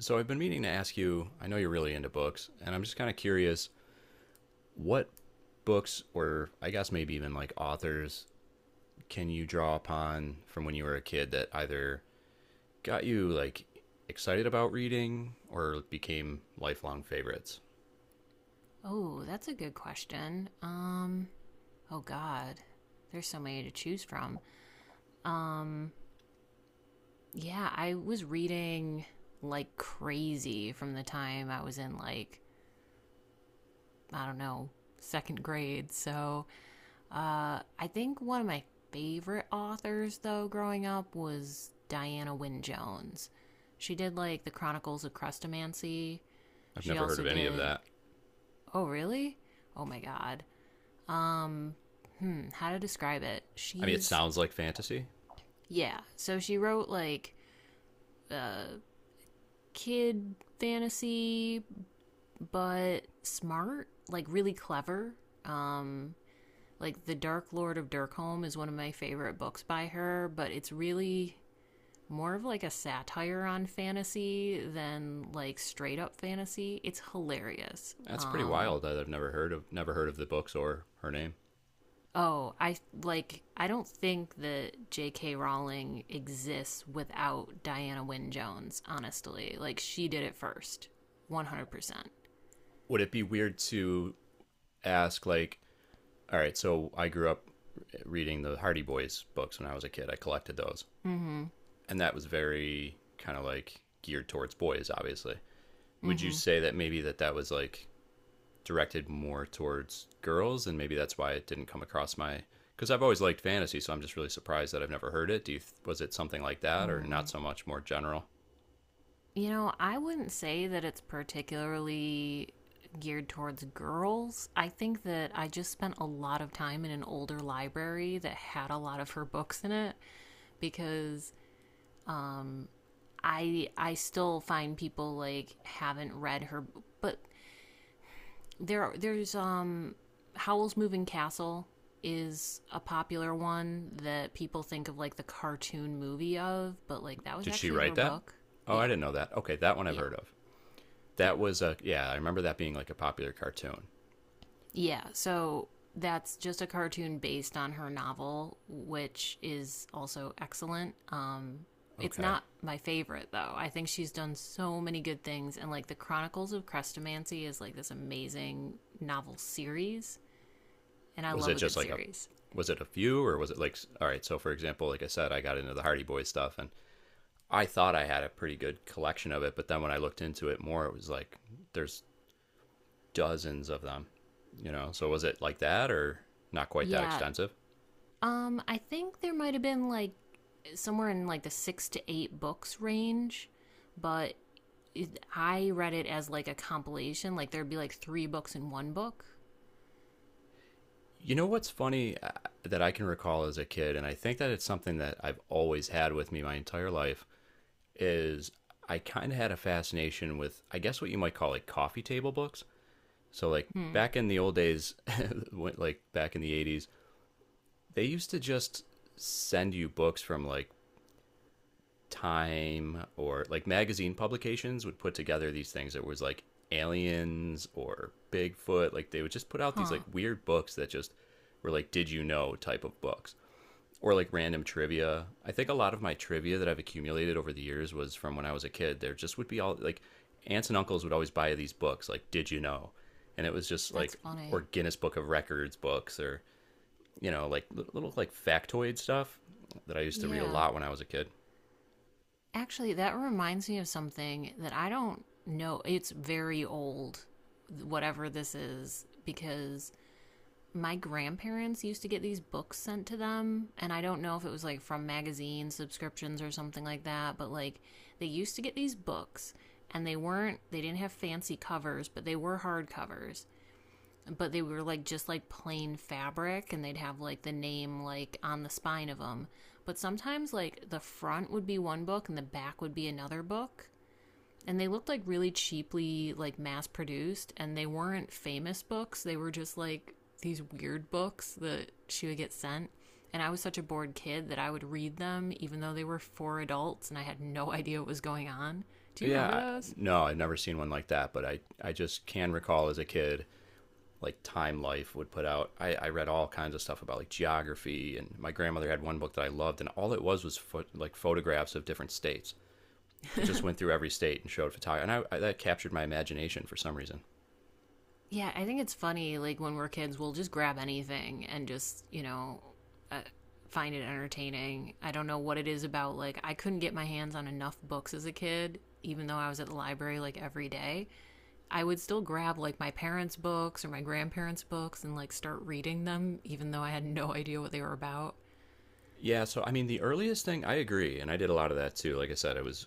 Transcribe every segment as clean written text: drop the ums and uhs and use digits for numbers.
So I've been meaning to ask you, I know you're really into books, and I'm just kind of curious what books, or I guess maybe even like authors, can you draw upon from when you were a kid that either got you like excited about reading or became lifelong favorites? Oh, that's a good question. Oh God, there's so many to choose from. Um, yeah, I was reading like crazy from the time I was in, like, I don't know, second grade. So I think one of my favorite authors though growing up was Diana Wynne Jones. She did like the Chronicles of Crustomancy. I've She never heard also of any of did. that. Oh really? Oh my God. Um, how to describe it? I mean, it She's sounds like fantasy. Yeah. So she wrote like kid fantasy, but smart, like really clever. Um, like, The Dark Lord of Dirkholm is one of my favorite books by her, but it's really more of like a satire on fantasy than like straight up fantasy. It's hilarious. That's pretty wild that I've never heard of the books or her name. Oh, I like, I don't think that J.K. Rowling exists without Diana Wynne Jones. Honestly, like she did it first, 100%. Would it be weird to ask like, all right, so I grew up reading the Hardy Boys books when I was a kid. I collected those, Mm-hmm. and that was very kind of like geared towards boys obviously. Would you Mm-hmm. say that maybe that that was like directed more towards girls, and maybe that's why it didn't come across my, because I've always liked fantasy, so I'm just really surprised that I've never heard it. Do you Was it something like that, or not Hmm. so much, more general? You know, I wouldn't say that it's particularly geared towards girls. I think that I just spent a lot of time in an older library that had a lot of her books in it, because mm, I still find people like haven't read her. But there's Howl's Moving Castle is a popular one that people think of, like, the cartoon movie of, but like that was Did she actually write her that? book. Oh, I Yeah, didn't know that. Okay, that one I've yeah, heard of. yeah, That was a Yeah, I remember that being like a popular cartoon. yeah. So that's just a cartoon based on her novel, which is also excellent. It's Okay. not my favorite though. I think she's done so many good things, and like the Chronicles of Crestomancy is like this amazing novel series, and I was love it a just good like a series. was it a few, or was it like, all right, so for example, like I said, I got into the Hardy Boys stuff, and I thought I had a pretty good collection of it, but then when I looked into it more, it was like there's dozens of them, you know? So was it like that, or not quite that Yeah, extensive? I think there might have been, like, somewhere in like the six to eight books range, but I read it as like a compilation. Like, there'd be like three books in one book. You know what's funny, that I can recall as a kid, and I think that it's something that I've always had with me my entire life, is I kind of had a fascination with, I guess, what you might call like coffee table books. So, like Hmm. back in the old days, like back in the 80s, they used to just send you books from like Time, or like magazine publications would put together these things that was like aliens or Bigfoot. Like they would just put out these like Huh. weird books that just were like did you know type of books, or like random trivia. I think a lot of my trivia that I've accumulated over the years was from when I was a kid. There just would be all like aunts and uncles would always buy these books like did you know? And it was just That's like, or funny. Guinness Book of Records books, or you know, like little like factoid stuff that I used to read a Yeah. lot when I was a kid. Actually, that reminds me of something that I don't know. It's very old, whatever this is, because my grandparents used to get these books sent to them, and I don't know if it was like from magazine subscriptions or something like that, but like they used to get these books. And they didn't have fancy covers, but they were hard covers, but they were like just like plain fabric, and they'd have like the name, like, on the spine of them. But sometimes like the front would be one book and the back would be another book, and they looked like really cheaply, like, mass produced, and they weren't famous books. They were just like these weird books that she would get sent. And I was such a bored kid that I would read them even though they were for adults and I had no idea what was going on. Do you Yeah, remember those? no, I've never seen one like that, but I just can recall as a kid, like Time Life would put out. I read all kinds of stuff about like geography, and my grandmother had one book that I loved, and all it was like photographs of different states. It just went through every state and showed photography, and that captured my imagination for some reason. Yeah, I think it's funny, like, when we're kids we'll just grab anything and just, uh, find it entertaining. I don't know what it is about, like, I couldn't get my hands on enough books as a kid, even though I was at the library like every day. I would still grab like my parents' books or my grandparents' books and like start reading them, even though I had no idea what they were about. Yeah, so I mean, the earliest thing I agree, and I did a lot of that too. Like I said, it was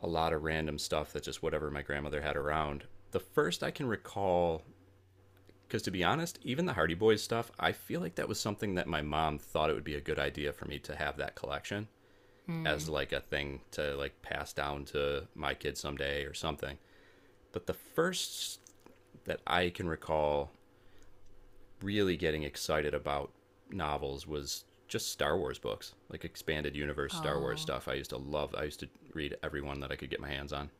a lot of random stuff that just whatever my grandmother had around. The first I can recall. Because to be honest, even the Hardy Boys stuff, I feel like that was something that my mom thought it would be a good idea for me to have that collection Hmm. as like a thing to like pass down to my kids someday or something. But the first that I can recall really getting excited about novels was just Star Wars books, like expanded universe Star Wars Oh. stuff. I used to love, I used to read every one that I could get my hands on.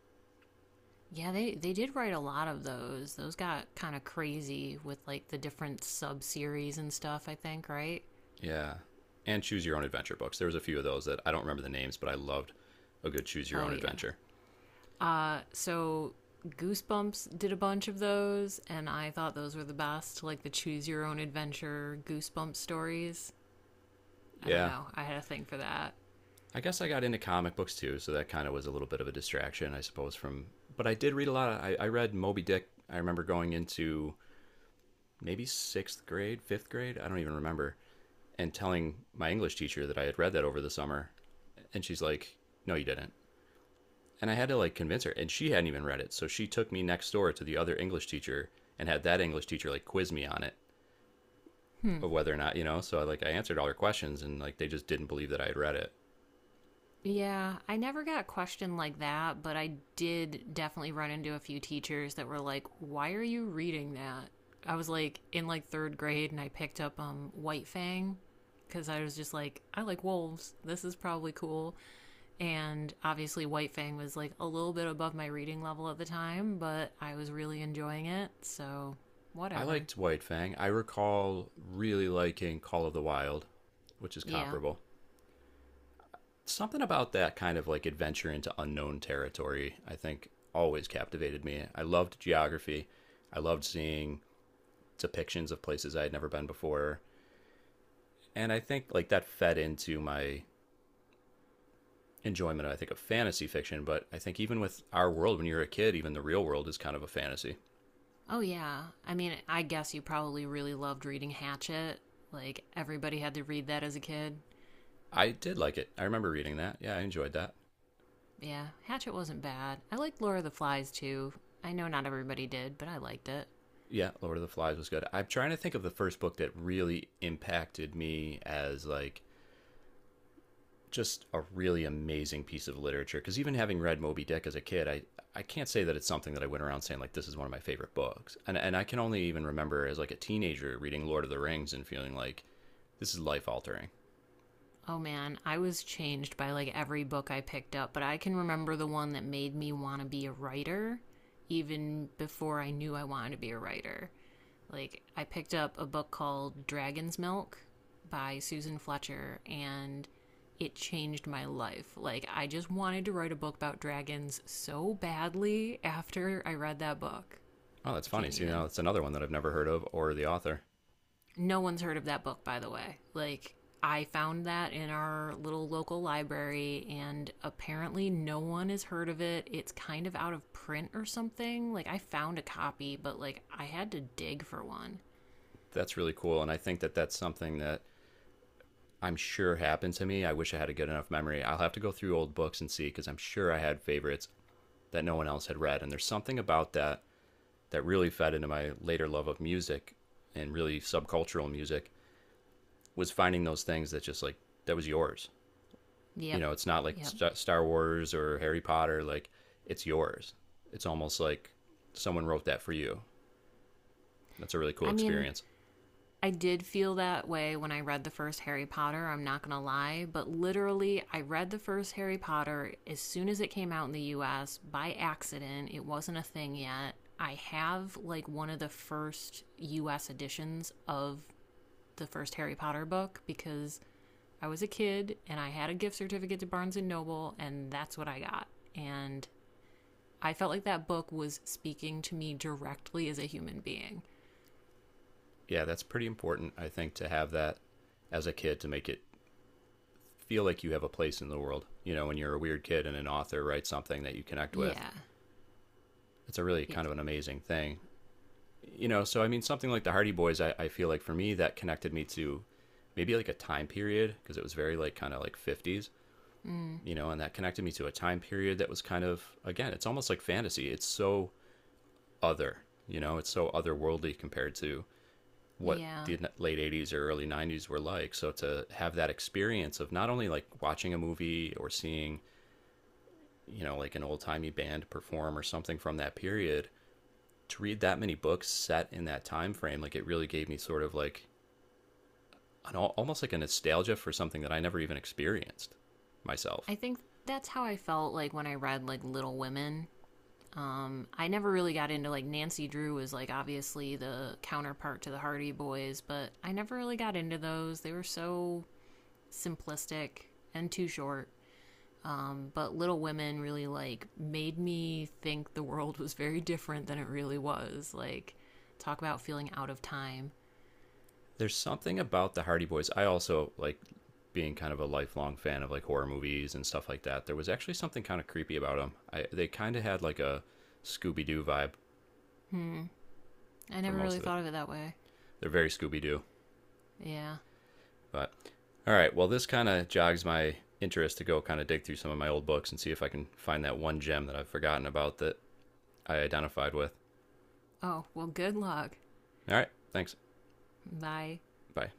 Yeah, they did write a lot of those. Those got kind of crazy with like the different sub series and stuff, I think, right? Yeah. And choose your own adventure books. There was a few of those that I don't remember the names, but I loved a good choose your Oh, own yeah. adventure. So Goosebumps did a bunch of those, and I thought those were the best, like the choose your own adventure Goosebumps stories. I don't Yeah, know. I had a thing for that. I guess I got into comic books too, so that kind of was a little bit of a distraction, I suppose. From But I did read a lot. I read Moby Dick. I remember going into maybe sixth grade, fifth grade. I don't even remember, and telling my English teacher that I had read that over the summer, and she's like, "No, you didn't." And I had to like convince her, and she hadn't even read it, so she took me next door to the other English teacher and had that English teacher like quiz me on it Hmm. of whether or not. So like I answered all her questions, and like they just didn't believe that I had read it. Yeah, I never got a question like that, but I did definitely run into a few teachers that were like, "Why are you reading that?" I was like in, like, 3rd grade, and I picked up White Fang, cuz I was just like, "I like wolves. This is probably cool." And obviously White Fang was like a little bit above my reading level at the time, but I was really enjoying it, so I whatever. liked White Fang. I recall really liking Call of the Wild, which is Yeah. comparable. Something about that kind of like adventure into unknown territory, I think, always captivated me. I loved geography. I loved seeing depictions of places I had never been before. And I think like that fed into my enjoyment, I think, of fantasy fiction. But I think even with our world, when you're a kid, even the real world is kind of a fantasy. Oh yeah. I mean, I guess you probably really loved reading Hatchet. Like, everybody had to read that as a kid. I did like it. I remember reading that. Yeah, I enjoyed that. Yeah, Hatchet wasn't bad. I liked Laura the Flies too. I know not everybody did, but I liked it. Yeah, Lord of the Flies was good. I'm trying to think of the first book that really impacted me as like just a really amazing piece of literature. Because even having read Moby Dick as a kid, I can't say that it's something that I went around saying like this is one of my favorite books. And I can only even remember as like a teenager reading Lord of the Rings and feeling like this is life altering. Oh man, I was changed by like every book I picked up, but I can remember the one that made me want to be a writer even before I knew I wanted to be a writer. Like, I picked up a book called Dragon's Milk by Susan Fletcher, and it changed my life. Like, I just wanted to write a book about dragons so badly after I read that book. Oh, that's I funny. can't See, now even. that's another one that I've never heard of, or the author. No one's heard of that book, by the way. Like, I found that in our little local library, and apparently no one has heard of it. It's kind of out of print or something. Like, I found a copy, but like, I had to dig for one. That's really cool, and I think that that's something that I'm sure happened to me. I wish I had a good enough memory. I'll have to go through old books and see because I'm sure I had favorites that no one else had read. And there's something about that that really fed into my later love of music, and really subcultural music, was finding those things that just like, that was yours. You Yep. know, it's not like Yep. Star Wars or Harry Potter. Like, it's yours. It's almost like someone wrote that for you. That's a really cool I mean, experience. I did feel that way when I read the first Harry Potter, I'm not going to lie, but literally, I read the first Harry Potter as soon as it came out in the US, by accident. It wasn't a thing yet. I have like one of the first US editions of the first Harry Potter book, because I was a kid and I had a gift certificate to Barnes & Noble, and that's what I got. And I felt like that book was speaking to me directly as a human being. Yeah, that's pretty important, I think, to have that as a kid, to make it feel like you have a place in the world. You know, when you're a weird kid and an author writes something that you connect with, Yeah. it's a really kind Yes. of an amazing thing. You know, so I mean, something like the Hardy Boys, I feel like for me, that connected me to maybe like a time period, because it was very like kind of like 50s, Mm, you know, and that connected me to a time period that was kind of, again, it's almost like fantasy. It's so other, you know, it's so otherworldly compared to what yeah. the late 80s or early 90s were like. So to have that experience of not only like watching a movie or seeing, you know, like an old timey band perform or something from that period, to read that many books set in that time frame, like it really gave me sort of like an, almost like a nostalgia for something that I never even experienced myself. I think that's how I felt like when I read like Little Women. I never really got into, like, Nancy Drew was like obviously the counterpart to the Hardy Boys, but I never really got into those. They were so simplistic and too short. But Little Women really like made me think the world was very different than it really was. Like, talk about feeling out of time. There's something about the Hardy Boys. I also like being kind of a lifelong fan of like horror movies and stuff like that. There was actually something kind of creepy about them. They kind of had like a Scooby Doo vibe Hmm. I for never most really of it. thought of it that way. They're very Scooby Doo. Yeah. But all right, well, this kind of jogs my interest to go kind of dig through some of my old books and see if I can find that one gem that I've forgotten about that I identified with. Oh well. Good luck. All right, thanks. Bye. Bye.